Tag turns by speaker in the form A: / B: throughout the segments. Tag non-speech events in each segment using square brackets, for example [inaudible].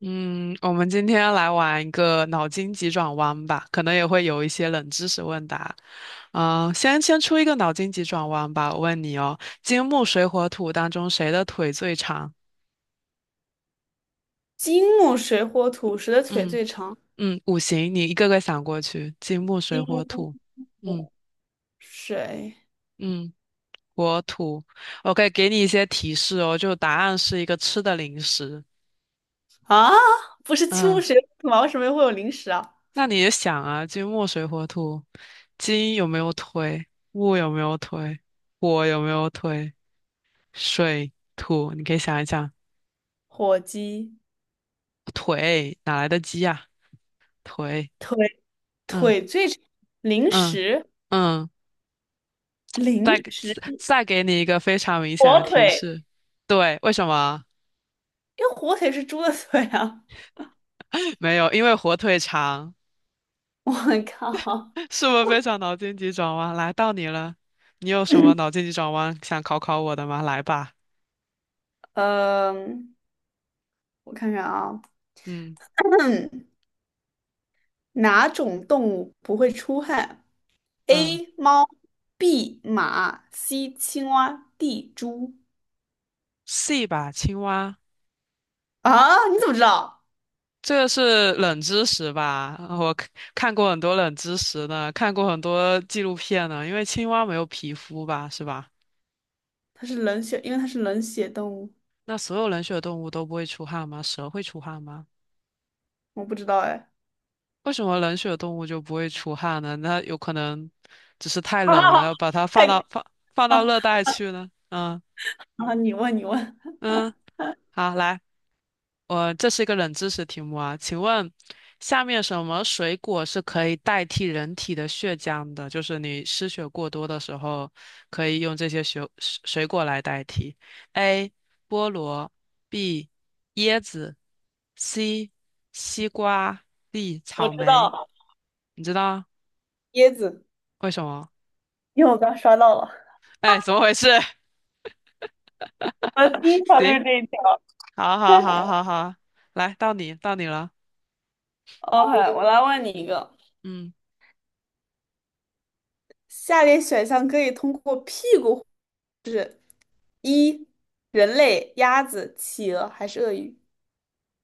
A: 嗯，我们今天来玩一个脑筋急转弯吧，可能也会有一些冷知识问答。先出一个脑筋急转弯吧，我问你哦，金木水火土当中谁的腿最长？
B: 金木水火土，谁的腿
A: 嗯
B: 最长？
A: 嗯，五行，你一个个想过去，金木水
B: 金
A: 火
B: 木
A: 土，嗯
B: 水
A: 嗯，火土。OK，给你一些提示哦，就答案是一个吃的零食。
B: 啊，不是金木
A: 嗯。
B: 水火土吗？为什么会有零食啊？
A: 那你也想啊，金木水火土，金有没有腿？木有没有腿？火有没有腿？水、土，你可以想一想，
B: 火鸡
A: 腿哪来的鸡呀、腿，
B: 腿
A: 嗯
B: 腿最长，零
A: 嗯
B: 食
A: 嗯，
B: 零
A: 再
B: 食，
A: 再给你一个非常明显
B: 火
A: 的提
B: 腿，
A: 示，对，为什么？
B: 因为火腿是猪的腿啊！
A: [laughs] 没有，因为火腿肠，
B: [laughs] 我靠，
A: 是不是非常脑筋急转弯？来到你了，你有什么脑筋急转弯想考考我的吗？来吧，
B: 嗯、我看看啊，
A: 嗯
B: [clears throat] 哪种动物不会出汗
A: 嗯
B: ？A 猫，B 马，C 青蛙，D 猪。
A: ，C 吧，青蛙。
B: 啊，你怎么知道？
A: 这个是冷知识吧？我看过很多冷知识呢，看过很多纪录片呢。因为青蛙没有皮肤吧，是吧？
B: 它是冷血，因为它是冷血动物，
A: 那所有冷血动物都不会出汗吗？蛇会出汗吗？
B: 我不知道哎。
A: 为什么冷血动物就不会出汗呢？那有可能只是
B: [laughs]
A: 太
B: 哈哈
A: 冷了，
B: 哈，
A: 要把它放
B: 太
A: 到放放
B: 搞笑
A: 到
B: 了
A: 热带去呢？嗯
B: 啊，你问你问，
A: 嗯，好，来。我这是一个冷知识题目啊，请问下面什么水果是可以代替人体的血浆的？就是你失血过多的时候，可以用这些水果来代替。A. 菠萝 B. 椰子 C. 西瓜 D.
B: 我
A: 草
B: 知
A: 莓。
B: 道
A: 你知道
B: 椰子，
A: 为什么？
B: 因为我刚刷到了。
A: 哎，怎么回事？[laughs]
B: 我的第一条就
A: 行，
B: 是这一条。
A: 好好好
B: [laughs]
A: 好好，来，到你了。
B: OK，我来问你一个：
A: 嗯
B: 下列选项可以通过屁股：一、人类、鸭子、企鹅还是鳄鱼？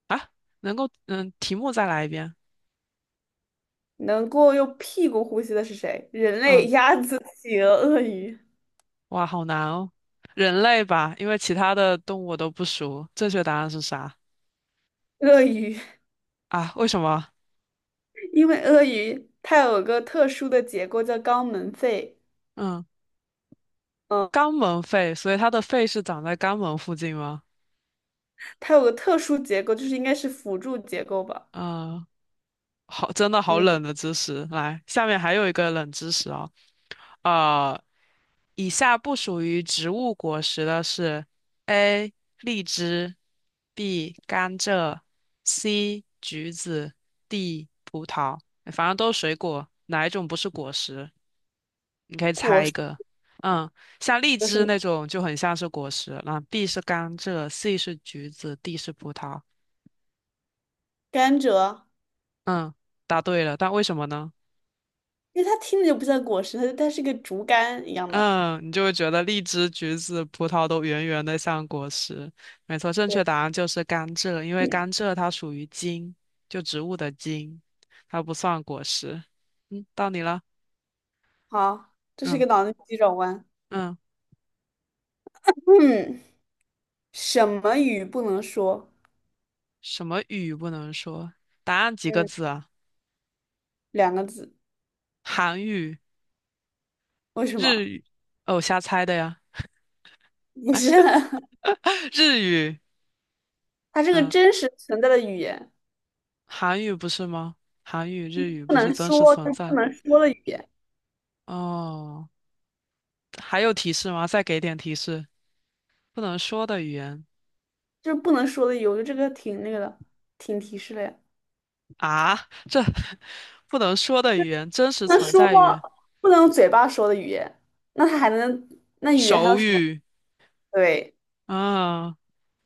A: 啊，能够嗯，题目再来一遍。
B: 能够用屁股呼吸的是谁？人类、
A: 嗯。
B: 鸭子、企鹅、鳄鱼。
A: 哇，好难哦。人类吧，因为其他的动物我都不熟。正确答案是啥
B: 鳄鱼，
A: 啊？为什么？
B: [laughs] 因为鳄鱼它有个特殊的结构叫肛门肺。
A: 嗯，
B: 嗯。
A: 肛门肺，所以它的肺是长在肛门附近吗？
B: 它有个特殊结构，就是应该是辅助结构吧。
A: 嗯，好，真的好
B: 嗯，
A: 冷的知识。来，下面还有一个冷知识哦。呃，以下不属于植物果实的是：A. 荔枝，B. 甘蔗，C. 橘子，D. 葡萄。哎反正都是水果，哪一种不是果实？你可以猜
B: 果
A: 一
B: 实
A: 个，嗯，像荔
B: 有什
A: 枝
B: 么？
A: 那种就很像是果实，那 B 是甘蔗，C 是橘子，D 是葡萄。
B: 甘蔗，
A: 嗯，答对了，但为什么呢？
B: 因为它听着就不像果实，它是个竹竿一样的。
A: 嗯，你就会觉得荔枝、橘子、葡萄都圆圆的像果实。没错，正确
B: 对，
A: 答案就是甘蔗，因为甘蔗它属于茎，就植物的茎，它不算果实。嗯，到你了。
B: 好，这是
A: 嗯
B: 个脑筋急转弯。
A: 嗯，
B: 嗯，什么语不能说？
A: 什么语不能说？答案几个
B: 嗯，
A: 字啊？
B: 两个字，
A: 韩语、
B: 为什
A: 日
B: 么？
A: 语。哦，瞎猜的呀。
B: 不是，[laughs]
A: 日语，
B: 它是个
A: 嗯、
B: 真实存在的语言，
A: 韩语不是吗？韩语、日语
B: 不
A: 不是
B: 能
A: 真实
B: 说
A: 存
B: 就不
A: 在
B: 能说的语言，
A: 哦。还有提示吗？再给点提示。不能说的语言
B: 就是不能说的语言。我觉得这个挺那个的，挺提示的呀。
A: 啊，这 [laughs] 不能说的语言，真实
B: 那
A: 存
B: 说
A: 在语
B: 话
A: 言，
B: 不能用嘴巴说的语言，那它还能，那语言还有
A: 手
B: 什么？
A: 语
B: 对，
A: 啊，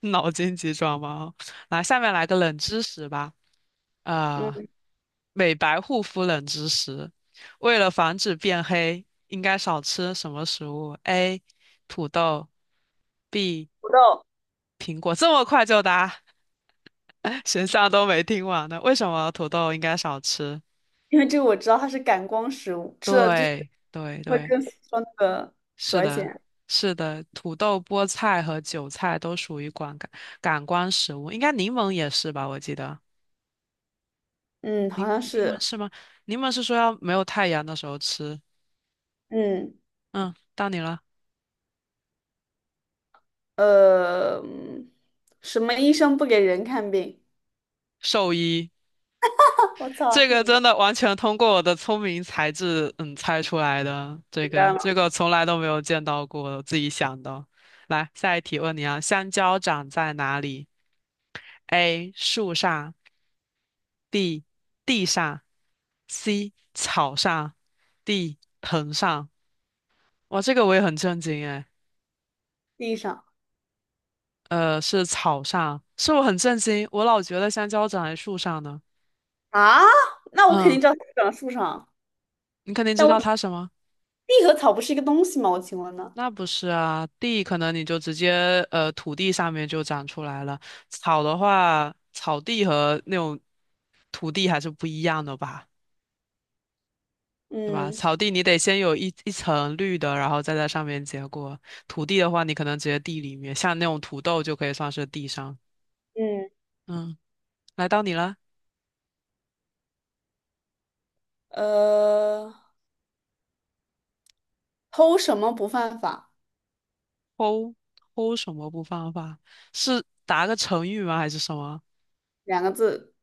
A: 脑筋急转弯。来，下面来个冷知识吧。啊、
B: 嗯，
A: 美白护肤冷知识：为了防止变黑，应该少吃什么食物？A. 土豆。B.
B: 土豆，
A: 苹果这么快就答，[laughs] 选项都没听完呢。为什么土豆应该少吃？
B: 因为这个我知道它是感光食物，吃了就是
A: 对对
B: 会
A: 对，
B: 更说那个紫
A: 是
B: 外
A: 的，
B: 线。
A: 是的，土豆、菠菜和韭菜都属于感官食物，应该柠檬也是吧？我记得
B: 嗯，好
A: 柠
B: 像
A: 柠檬
B: 是，
A: 是吗？柠檬是说要没有太阳的时候吃。
B: 嗯，
A: 嗯，到你了，
B: 呃，嗯什么医生不给人看病？
A: 兽医。
B: [laughs] 我操，
A: 这
B: 这
A: 个
B: 么
A: 真的完全通过我的聪明才智，猜出来的。这
B: 简
A: 个
B: 单吗？
A: 这个从来都没有见到过，我自己想的。来，下一题问你啊，香蕉长在哪里？A. 树上，B. 地上，C. 草上，D. 藤上。哇，这个我也很震惊哎，
B: 地上
A: 是草上，是我很震惊，我老觉得香蕉长在树上呢。
B: 啊？那我肯
A: 嗯，
B: 定知道它长树上，
A: 你肯定
B: 但
A: 知
B: 我
A: 道它什么？
B: 地和草不是一个东西吗？我请问呢？
A: 那不是啊，地可能你就直接土地上面就长出来了，草的话，草地和那种土地还是不一样的吧，对吧？
B: 嗯
A: 草地你得先有一层绿的，然后再在上面结果。土地的话，你可能直接地里面，像那种土豆就可以算是地上。
B: 嗯，
A: 嗯，来到你了，
B: 呃，偷什么不犯法？
A: 偷偷什么不犯法？是答个成语吗？还是什么？
B: 两个字，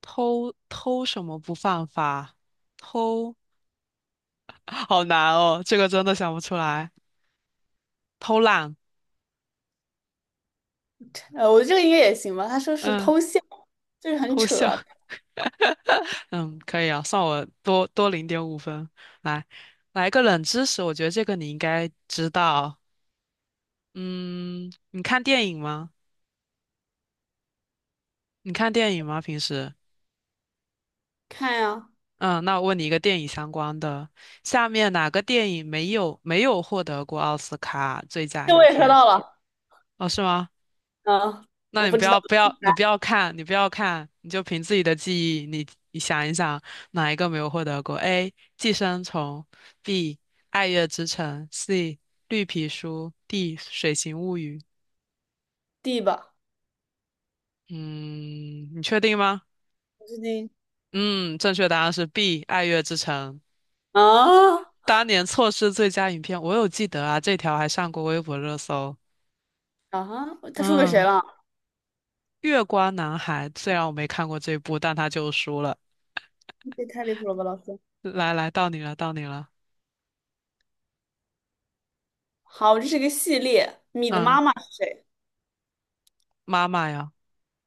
A: 偷什么不犯法？偷，[laughs] 好难哦，这个真的想不出来。偷懒，
B: 呃，我觉得这个应该也行吧。他说是
A: 嗯，
B: 偷笑，就是很
A: 偷
B: 扯
A: 笑，
B: 啊
A: [laughs] 嗯，可以啊，算我多多0.5分。来，来个冷知识，我觉得这个你应该知道。嗯，你看电影吗？你看电影吗？平时？
B: 看呀、
A: 嗯，那我问你一个电影相关的，下面哪个电影没有获得过奥斯卡最佳
B: 这
A: 影
B: 我也刷
A: 片？
B: 到了，
A: 哦，是吗？
B: 嗯，我
A: 那你
B: 不
A: 不
B: 知道
A: 要不要，你不要看，你不要看，你就凭自己的记忆，你想一想，哪一个没有获得过？A. 寄生虫，B. 爱乐之城，C. 绿皮书，D. 水形物语。
B: ，D 吧，
A: 嗯，你确定吗？
B: 我最近
A: 嗯，正确答案是 B. 爱乐之城。
B: 啊
A: 当年错失最佳影片，我有记得啊，这条还上过微博热搜。
B: 啊，他输给谁
A: 嗯，
B: 了？
A: 月光男孩，虽然我没看过这部，但他就输了。
B: 这太离谱了吧，老师！
A: 来来，到你了，到你了。
B: 好，这是个系列，米的
A: 嗯，
B: 妈妈是谁？
A: 妈妈呀。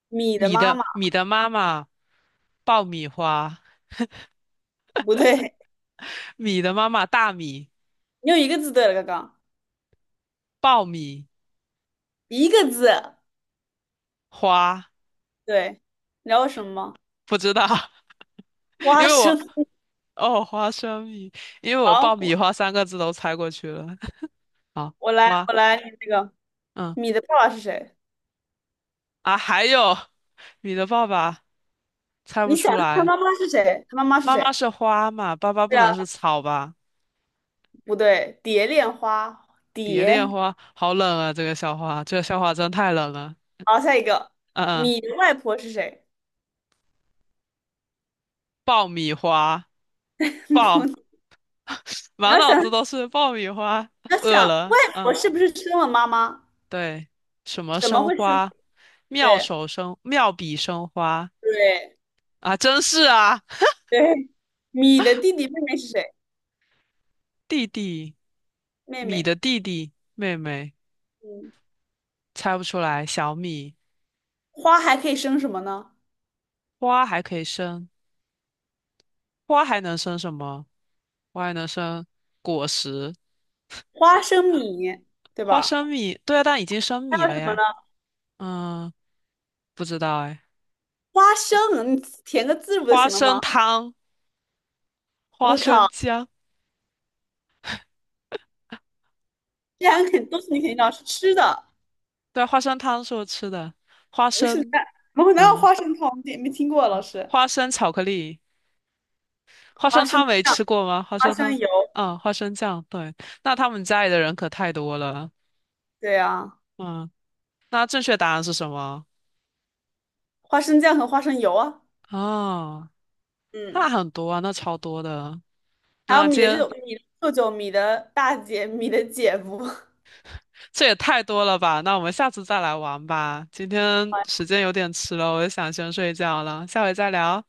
B: 米的
A: 米
B: 妈
A: 的
B: 妈
A: 米的妈妈，爆米花，
B: 不对，
A: 米的妈妈大米，
B: 你有一个字对了，刚刚
A: 爆米
B: 一个字，
A: 花，
B: 对，你知道为什么吗？
A: 不知道，[laughs] 因
B: 花
A: 为我
B: 生。
A: 哦花生米，因为我
B: 好，
A: 爆米
B: 我
A: 花三个字都猜过去了。[laughs] 好，
B: 我来
A: 花，
B: 我来那个
A: 嗯
B: 米的爸爸是谁？
A: 还有米的爸爸猜不
B: 你想
A: 出
B: 他
A: 来，
B: 妈妈是谁？他妈妈是
A: 妈妈
B: 谁？
A: 是花嘛，爸爸不
B: 对
A: 能
B: 啊，
A: 是草吧？
B: 不对，蝶恋花
A: 蝶
B: 蝶。
A: 恋花，好冷啊，这个笑话，这个笑话真太冷了。
B: 好，下一个，
A: 嗯嗯，
B: 米的外婆是谁？
A: 爆米花，爆。
B: [laughs] 你
A: 满
B: 要
A: 脑
B: 想，
A: 子都是爆米花，
B: 要想，
A: 饿了，
B: 外婆
A: 嗯，
B: 是不是生了妈妈？
A: 对，什么
B: 怎么
A: 生
B: 会生？
A: 花，
B: 对
A: 妙笔生花
B: 对
A: 啊，真是啊，
B: 对，米的弟弟妹妹是谁？
A: 弟弟，
B: 妹
A: 米的
B: 妹。
A: 弟弟，妹妹，
B: 嗯，
A: 猜不出来，小米，
B: 花还可以生什么呢？
A: 花还可以生，花还能生什么？花还能生果实，
B: 花生米，对
A: 花
B: 吧？
A: 生米，对啊，但已经生米
B: 还有
A: 了
B: 什么呢？
A: 呀，嗯，不知道哎，
B: 花生，你填个字不就
A: 花
B: 行了
A: 生
B: 吗？
A: 汤，花
B: 我
A: 生
B: 靠，
A: 酱，
B: 这两个肯都是你肯定要是吃的，
A: 对啊，花生汤是我吃的，花
B: 不是
A: 生。
B: 蛋。我们哪有
A: 嗯。
B: 花生汤？没听过啊老师。
A: 花生巧克力，花
B: 花
A: 生
B: 生
A: 汤没
B: 酱、
A: 吃过吗？花
B: 花
A: 生
B: 生
A: 汤，
B: 油，
A: 啊，花生酱，对，那他们家里的人可太多了，
B: 对啊，
A: 嗯，那正确答案是什么？
B: 花生酱和花生油啊。
A: 哦，那
B: 嗯。
A: 很多啊，那超多的，
B: 还有
A: 那
B: 米
A: 今
B: 的舅
A: 天
B: 舅、米的舅舅、米的大姐、米的姐夫。
A: 这也太多了吧？那我们下次再来玩吧，今天时间有点迟了，我想先睡觉了，下回再聊，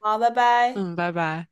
B: 好，拜拜。
A: 嗯，拜拜。